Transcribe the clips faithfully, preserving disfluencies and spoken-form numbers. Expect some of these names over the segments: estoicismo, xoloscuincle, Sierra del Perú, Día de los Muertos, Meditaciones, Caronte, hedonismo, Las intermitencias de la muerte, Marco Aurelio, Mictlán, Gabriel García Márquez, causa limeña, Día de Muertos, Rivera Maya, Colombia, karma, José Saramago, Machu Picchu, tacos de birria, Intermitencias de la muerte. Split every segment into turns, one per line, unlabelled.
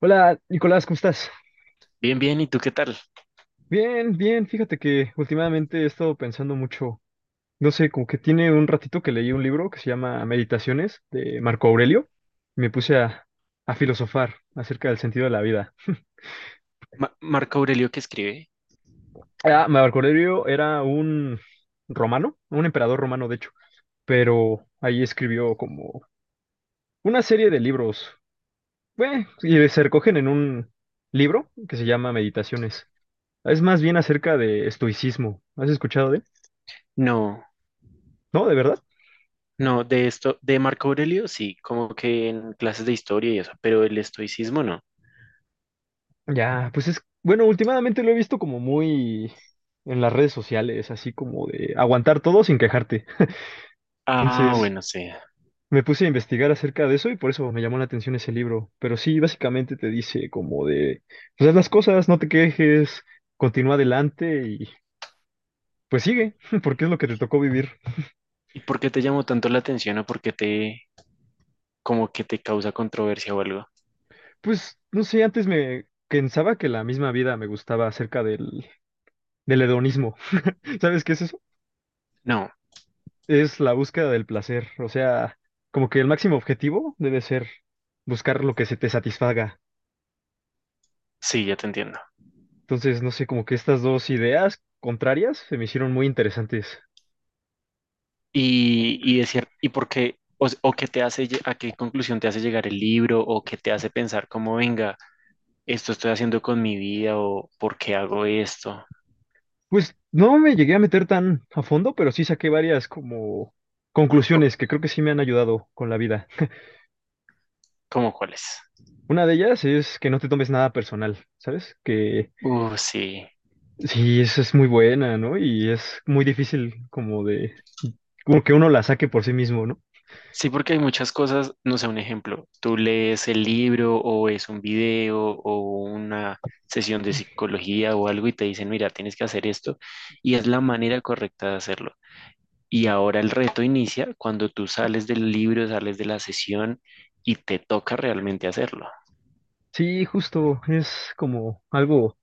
Hola, Nicolás, ¿cómo estás?
Bien, bien, ¿y tú qué tal?
Bien, bien, fíjate que últimamente he estado pensando mucho, no sé, como que tiene un ratito que leí un libro que se llama Meditaciones de Marco Aurelio, me puse a, a filosofar acerca del sentido de la vida.
Ma- ¿Marco Aurelio que escribe?
Ah, Marco Aurelio era un romano, un emperador romano de hecho, pero ahí escribió como una serie de libros, bueno, y se recogen en un libro que se llama Meditaciones. Es más bien acerca de estoicismo. ¿Has escuchado de él?
No,
¿No? ¿De verdad?
no, de esto, de Marco Aurelio sí, como que en clases de historia y eso, pero el estoicismo no.
Ya, pues es, bueno, últimamente lo he visto como muy en las redes sociales, así como de aguantar todo sin quejarte.
Ah,
Entonces
bueno, sí.
me puse a investigar acerca de eso y por eso me llamó la atención ese libro. Pero sí, básicamente te dice como de, pues haz las cosas, no te quejes, continúa adelante y pues sigue, porque es lo que te tocó vivir.
¿Y por qué te llamó tanto la atención o por qué te, como que te causa controversia o algo?
Pues no sé, antes me pensaba que la misma vida me gustaba acerca del, del hedonismo. ¿Sabes que ese
No,
es la búsqueda del placer? O sea, como que el máximo objetivo debe ser buscar lo que se te satisfaga.
sí, ya te entiendo.
Entonces, no sé, como que estas dos ideas contrarias se me hicieron muy interesantes.
Y, y es cier- ¿y por qué, o, s- o qué te hace, lle- a qué conclusión te hace llegar el libro o qué te hace pensar como, venga, esto estoy haciendo con mi vida o por qué hago esto?
Pues no me llegué a meter tan a fondo, pero sí saqué varias como
Co-
conclusiones que creo que sí me han ayudado con la vida.
¿Cómo cuáles?
Una de ellas es que no te tomes nada personal, ¿sabes? Que
Uh, sí.
sí, esa es muy buena, ¿no? Y es muy difícil como de, como que uno la saque por sí mismo, ¿no?
Sí, porque hay muchas cosas, no sé, un ejemplo, tú lees el libro o es un video o una sesión de psicología o algo y te dicen, mira, tienes que hacer esto y es la manera correcta de hacerlo. Y ahora el reto inicia cuando tú sales del libro, sales de la sesión y te toca realmente hacerlo.
Sí, justo, es como algo.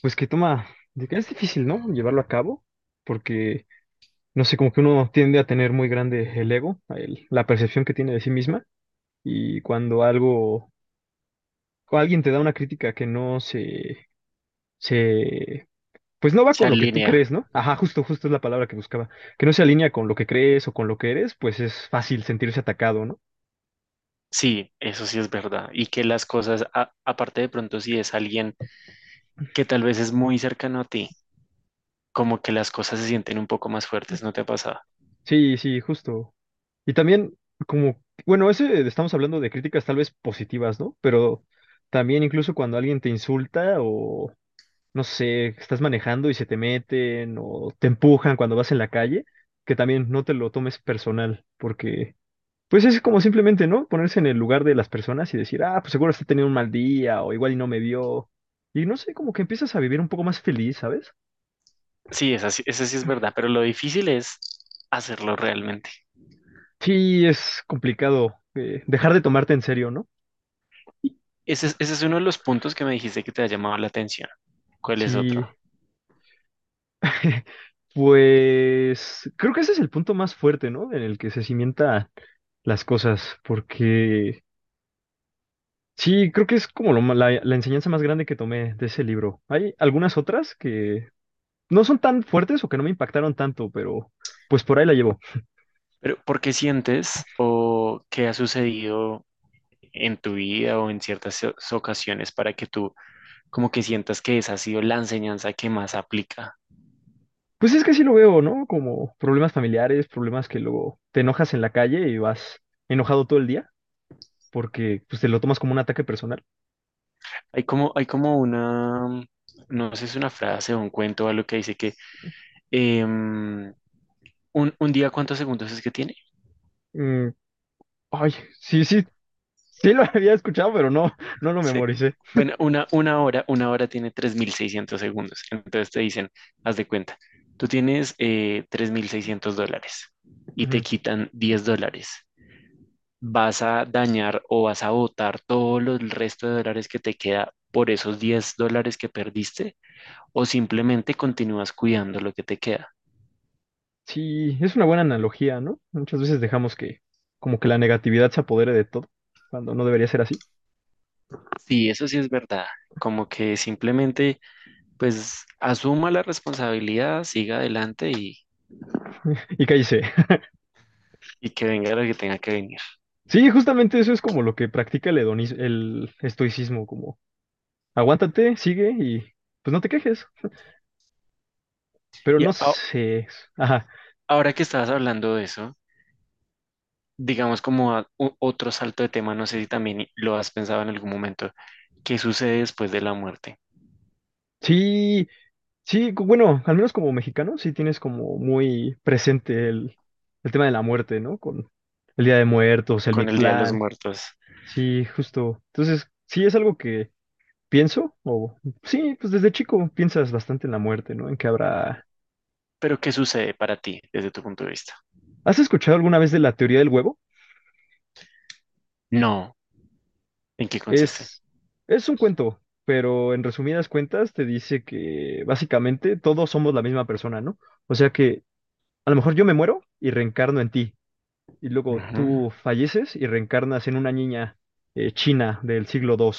Pues que toma, de que es difícil, ¿no? Llevarlo a cabo, porque, no sé, como que uno tiende a tener muy grande el ego, el- la percepción que tiene de sí misma, y cuando algo, o alguien te da una crítica que no se, se, pues no va
Se
con lo que tú
alinea.
crees, ¿no? Ajá, justo, justo es la palabra que buscaba, que no se alinea con lo que crees o con lo que eres, pues es fácil sentirse atacado, ¿no?
Sí, eso sí es verdad. Y que las cosas, a- aparte de pronto si es alguien que tal vez es muy cercano a ti, como que las cosas se sienten un poco más fuertes, ¿no te ha pasado?
Sí, sí, justo. Y también, como, bueno, ese, estamos hablando de críticas tal vez positivas, ¿no? Pero... También incluso cuando alguien te insulta o, no sé, estás manejando y se te meten o te empujan cuando vas en la calle, que también no te lo tomes personal, porque pues es como simplemente, ¿no? Ponerse en el lugar de las personas y decir, ah, pues seguro está teniendo un mal día o igual y no me vio. Y no sé, como que empiezas a vivir un poco más feliz, ¿sabes?
Sí, esa, sí- esa sí es verdad, pero lo difícil es hacerlo realmente.
Sí, es complicado eh, dejar de tomarte en serio, ¿no?
Y ese es, ese es uno de los puntos que me dijiste que te ha llamado la atención. ¿Cuál es otro?
Sí, pues creo que ese es el punto más fuerte, ¿no? En el que se cimientan las cosas, porque sí, creo que es como lo ma- la, la enseñanza más grande que tomé de ese libro. Hay algunas otras que no son tan fuertes o que no me impactaron tanto, pero pues por ahí la llevo.
Pero, ¿por qué sientes o qué ha sucedido en tu vida o en ciertas o- ocasiones para que tú como que sientas que esa ha sido la enseñanza que más aplica?
Pues es que sí lo veo, ¿no? Como problemas familiares, problemas que luego te enojas en la calle y vas enojado todo el día porque pues te lo tomas como un ataque personal.
Hay como, hay como una, no sé si es una frase o un cuento o algo que dice que em, un, un día, ¿cuántos segundos es que tiene?
Mm, ay, sí, sí, sí lo había escuchado, pero no, no lo
Sí.
memoricé.
Bueno, una, una hora, una hora tiene tres mil seiscientos segundos. Entonces te dicen, haz de cuenta, tú tienes eh, tres mil seiscientos dólares y te
Ujú.
quitan diez dólares. Vas a dañar o vas a botar todo lo- el resto de dólares que te queda por esos diez dólares que perdiste o simplemente continúas cuidando lo que te queda.
Sí, es una buena analogía, ¿no? Muchas veces dejamos que como que la negatividad se apodere de todo cuando no debería ser así.
Sí, eso sí es verdad. Como que simplemente, pues, asuma la responsabilidad, siga adelante y,
Y cállese.
y que venga lo que tenga que venir.
Sí, justamente eso es como lo que practica el hedonis- el estoicismo, como aguántate, sigue y pues no te quejes. Pero
Y
no
a-
sé. Ajá.
Ahora que estabas hablando de eso, digamos como a- u- otro salto de tema, no sé si también lo has pensado en algún momento, ¿qué sucede después de la muerte,
Sí, sí, cu- bueno, al menos como mexicano, sí tienes como muy presente el, el tema de la muerte, ¿no? Con el Día de Muertos, el
con el Día de los
Mictlán.
Muertos?
Sí, justo. Entonces, sí es algo que pienso, o sí, pues desde chico piensas bastante en la muerte, ¿no? En que habrá.
Pero ¿qué sucede para ti desde tu punto de vista?
¿Has escuchado alguna vez de la teoría del huevo?
No, ¿en qué consiste?
Es, es un cuento, pero en resumidas cuentas te dice que básicamente todos somos la misma persona, ¿no? O sea que a lo mejor yo me muero y reencarno en ti, y luego
Ujú.
tú falleces y reencarnas en una niña eh, china del siglo segundo,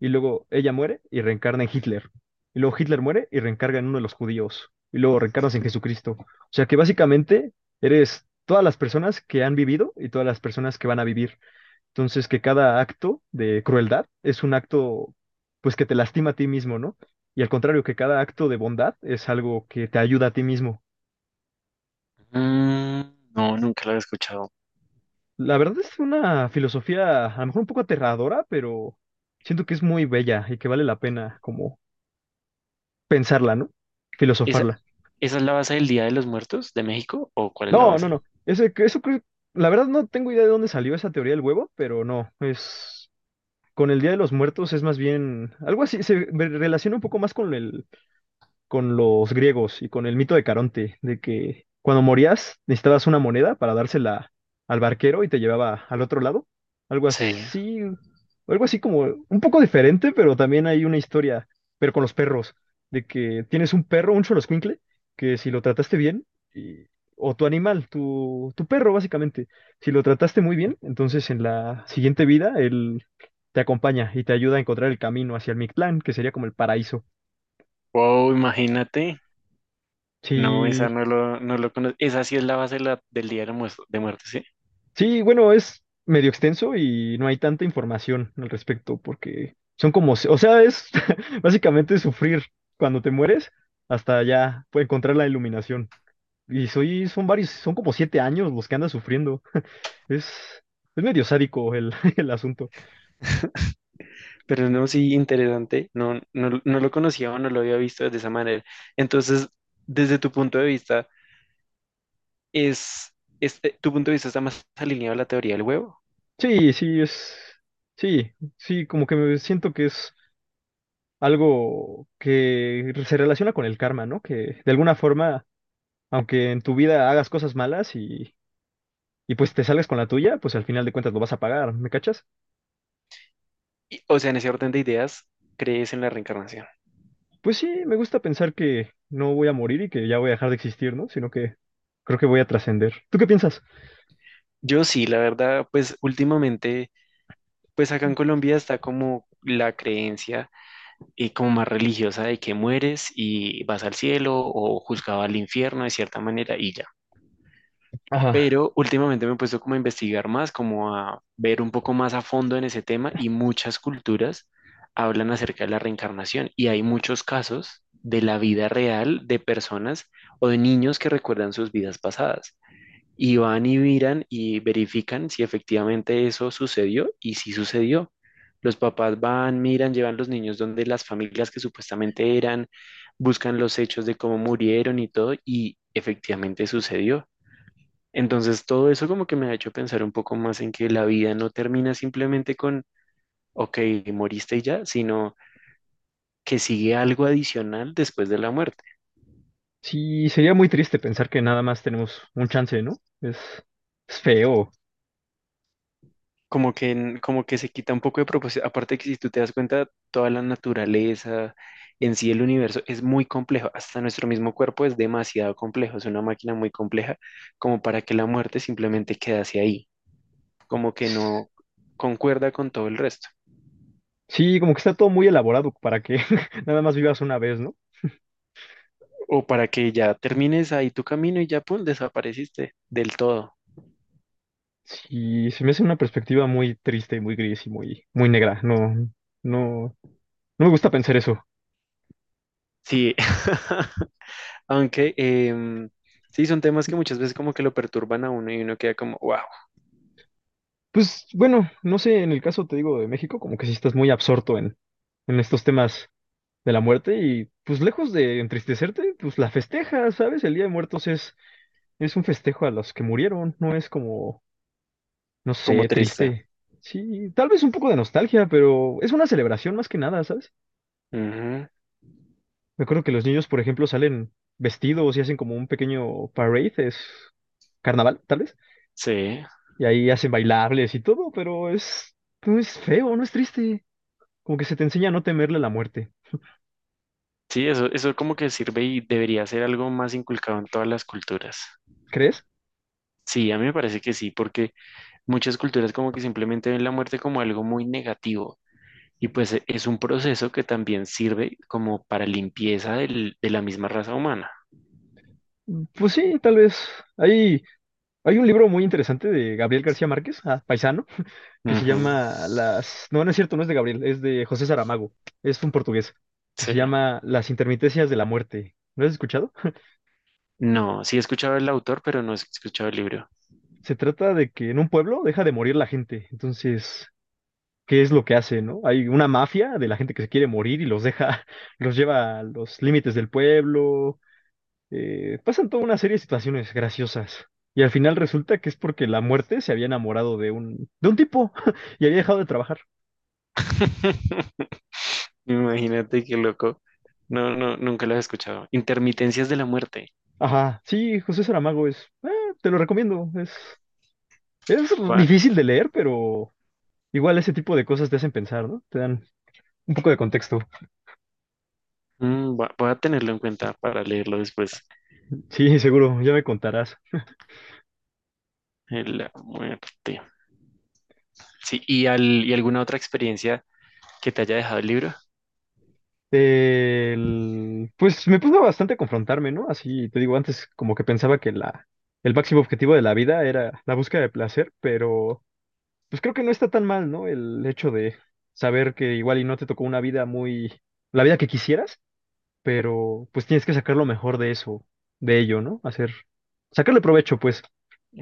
y luego ella muere y reencarna en Hitler, y luego Hitler muere y reencarna en uno de los judíos, y luego reencarnas en Jesucristo. O sea que básicamente eres todas las personas que han vivido y todas las personas que van a vivir. Entonces, que cada acto de crueldad es un acto, pues, que te lastima a ti mismo, ¿no? Y al contrario, que cada acto de bondad es algo que te ayuda a ti mismo.
Mm, no, nunca lo había escuchado.
La verdad es una filosofía a lo mejor un poco aterradora, pero siento que es muy bella y que vale la pena como pensarla, ¿no?
¿Esa,
Filosofarla.
esa es la base del Día de los Muertos de México o cuál es la
No, no,
base?
no. Ese, que- eso creo- la verdad no tengo idea de dónde salió esa teoría del huevo, pero no, es con el Día de los Muertos es más bien algo así, se ve- relaciona un poco más con el con los griegos y con el mito de Caronte, de que cuando morías necesitabas una moneda para dársela al barquero y te llevaba al otro lado. Algo
Sí.
así, algo así como un poco diferente, pero también hay una historia, pero con los perros, de que tienes un perro, un xoloscuincle, que si lo trataste bien, y- o tu animal, tu, tu perro básicamente, si lo trataste muy bien, entonces en la siguiente vida él te acompaña y te ayuda a encontrar el camino hacia el Mictlán, que sería como el paraíso.
Wow, imagínate. No,
Sí,
esa no lo, no lo conozco. Esa sí es la base de la- del Día de los Muertos.
sí, bueno, es medio extenso y no hay tanta información al respecto porque son como, se- o sea, es básicamente sufrir cuando te mueres hasta ya pues, encontrar la iluminación. Y soy, son varios, son como siete años los que andas sufriendo. Es, es medio sádico el, el asunto.
Pero no, sí, interesante. No, no, no lo conocía o no lo había visto de esa manera. Entonces, desde tu punto de vista, es, es- eh, tu punto de vista está más alineado a la teoría del huevo.
Sí, sí, es, sí, sí, como que me siento que es algo que se relaciona con el karma, ¿no? Que de alguna forma, aunque en tu vida hagas cosas malas y y pues te salgas con la tuya, pues al final de cuentas lo vas a pagar, ¿me cachas?
Y, o sea, en ese orden de ideas, ¿crees en la reencarnación?
Pues sí, me gusta pensar que no voy a morir y que ya voy a dejar de existir, ¿no? Sino que creo que voy a trascender. ¿Tú qué piensas?
Yo sí, la verdad, pues últimamente, pues acá en Colombia está como la creencia y como más religiosa de que mueres y vas al cielo o juzgado al infierno de cierta manera y ya.
Ajá.
Pero últimamente me he puesto como a investigar más, como a ver un poco más a fondo en ese tema y muchas culturas hablan acerca de la reencarnación y hay muchos casos de la vida real de personas o de niños que recuerdan sus vidas pasadas y van y miran y verifican si efectivamente eso sucedió y si sucedió. Los papás van, miran, llevan los niños donde las familias que supuestamente eran, buscan los hechos de cómo murieron y todo, y efectivamente sucedió. Entonces, todo eso como que me ha hecho pensar un poco más en que la vida no termina simplemente con, ok, moriste y ya, sino que sigue algo adicional después de la muerte.
Sí, sería muy triste pensar que nada más tenemos un chance, ¿no? Es, es feo.
Como que, en- como que se quita un poco de propósito. Aparte que si tú te das cuenta, toda la naturaleza, en sí el universo, es muy complejo. Hasta nuestro mismo cuerpo es demasiado complejo, es una máquina muy compleja, como para que la muerte simplemente quedase ahí, como que no concuerda con todo el resto.
Sí, como que está todo muy elaborado para que nada más vivas una vez, ¿no?
O para que ya termines ahí tu camino y ya, pum, desapareciste del todo.
Sí, se me hace una perspectiva muy triste, muy gris y muy, muy negra. No, no, no me gusta pensar eso.
Sí, aunque em, sí, son temas que muchas veces como que lo perturban a uno y uno queda como, wow,
Pues bueno, no sé, en el caso te digo de México, como que sí estás muy absorto en, en estos temas de la muerte y pues lejos de entristecerte, pues la festejas, ¿sabes? El Día de Muertos es, es un festejo a los que murieron, no es como, no
como
sé,
triste.
triste. Sí, tal vez un poco de nostalgia, pero es una celebración más que nada, ¿sabes?
Ujú.
Me acuerdo que los niños, por ejemplo, salen vestidos y hacen como un pequeño parade, es carnaval, tal vez,
Sí,
y ahí hacen bailables y todo, pero es, no es feo, no es triste, como que se te enseña a no temerle a la muerte.
sí, eso, eso como que sirve y debería ser algo más inculcado en todas las culturas.
¿Crees?
Sí, a mí me parece que sí, porque muchas culturas como que simplemente ven la muerte como algo muy negativo. Y pues e- es un proceso que también sirve como para limpieza del- de la misma raza humana.
Mm, pues sí, tal vez. Hay, hay un libro muy interesante de Gabriel García Márquez, ah, paisano, que se
Ujú.
llama Las... No, no es cierto, no es de Gabriel, es de José Saramago, es un portugués, que
Sí.
se llama Las intermitencias de la muerte. ¿Lo has escuchado?
No, sí he escuchado el autor, pero no he escuchado el libro.
Se trata de que en un pueblo deja de morir la gente. Entonces, ¿qué es lo que hace, no? Hay una mafia de la gente que se quiere morir y los deja, los lleva a los límites del pueblo, eh, pasan toda una serie de situaciones graciosas. Y al final resulta que es porque la muerte se había enamorado de un, de un tipo y había dejado de trabajar.
Imagínate qué loco. No, no, nunca lo he escuchado. Intermitencias de la muerte.
Ajá, sí, José Saramago es, eh, te lo recomiendo, es, es
Va-
difícil de leer, pero igual ese tipo de cosas te hacen pensar, ¿no? Te dan un poco de contexto.
mm, va- Voy a tenerlo en cuenta para leerlo después.
Sí, seguro, ya me contarás.
Eh, La muerte. Sí, ¿y, al- y alguna otra experiencia que te haya dejado el libro?
El- pues me puso bastante a confrontarme, ¿no? Así, te digo, antes como que pensaba que la, el máximo objetivo de la vida era la búsqueda de placer, pero... pues creo que no está tan mal, ¿no? El hecho de saber que igual y no te tocó una vida muy, la vida que quisieras, pero pues tienes que sacar lo mejor de eso, de ello, ¿no? Hacer, sacarle provecho, pues,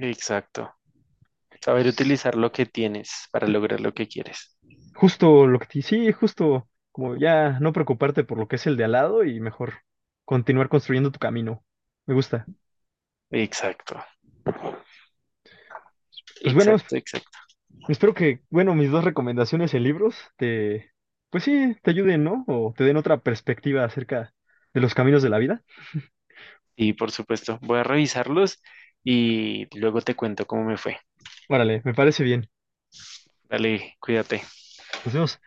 Exacto. Saber
s-
utilizar lo que tienes para lograr lo que quieres.
justo lo que te, sí, justo como ya no preocuparte por lo que es el de al lado y mejor continuar construyendo tu camino. Me gusta.
Exacto,
Pues bueno,
exacto, exacto.
espero que, bueno, mis dos recomendaciones en libros te, pues sí, te ayuden, ¿no? O te den otra perspectiva acerca de los caminos de la vida.
Y por supuesto, voy a revisarlos y luego te cuento cómo me fue.
Órale, me parece bien.
Dale, cuídate.
Nos vemos.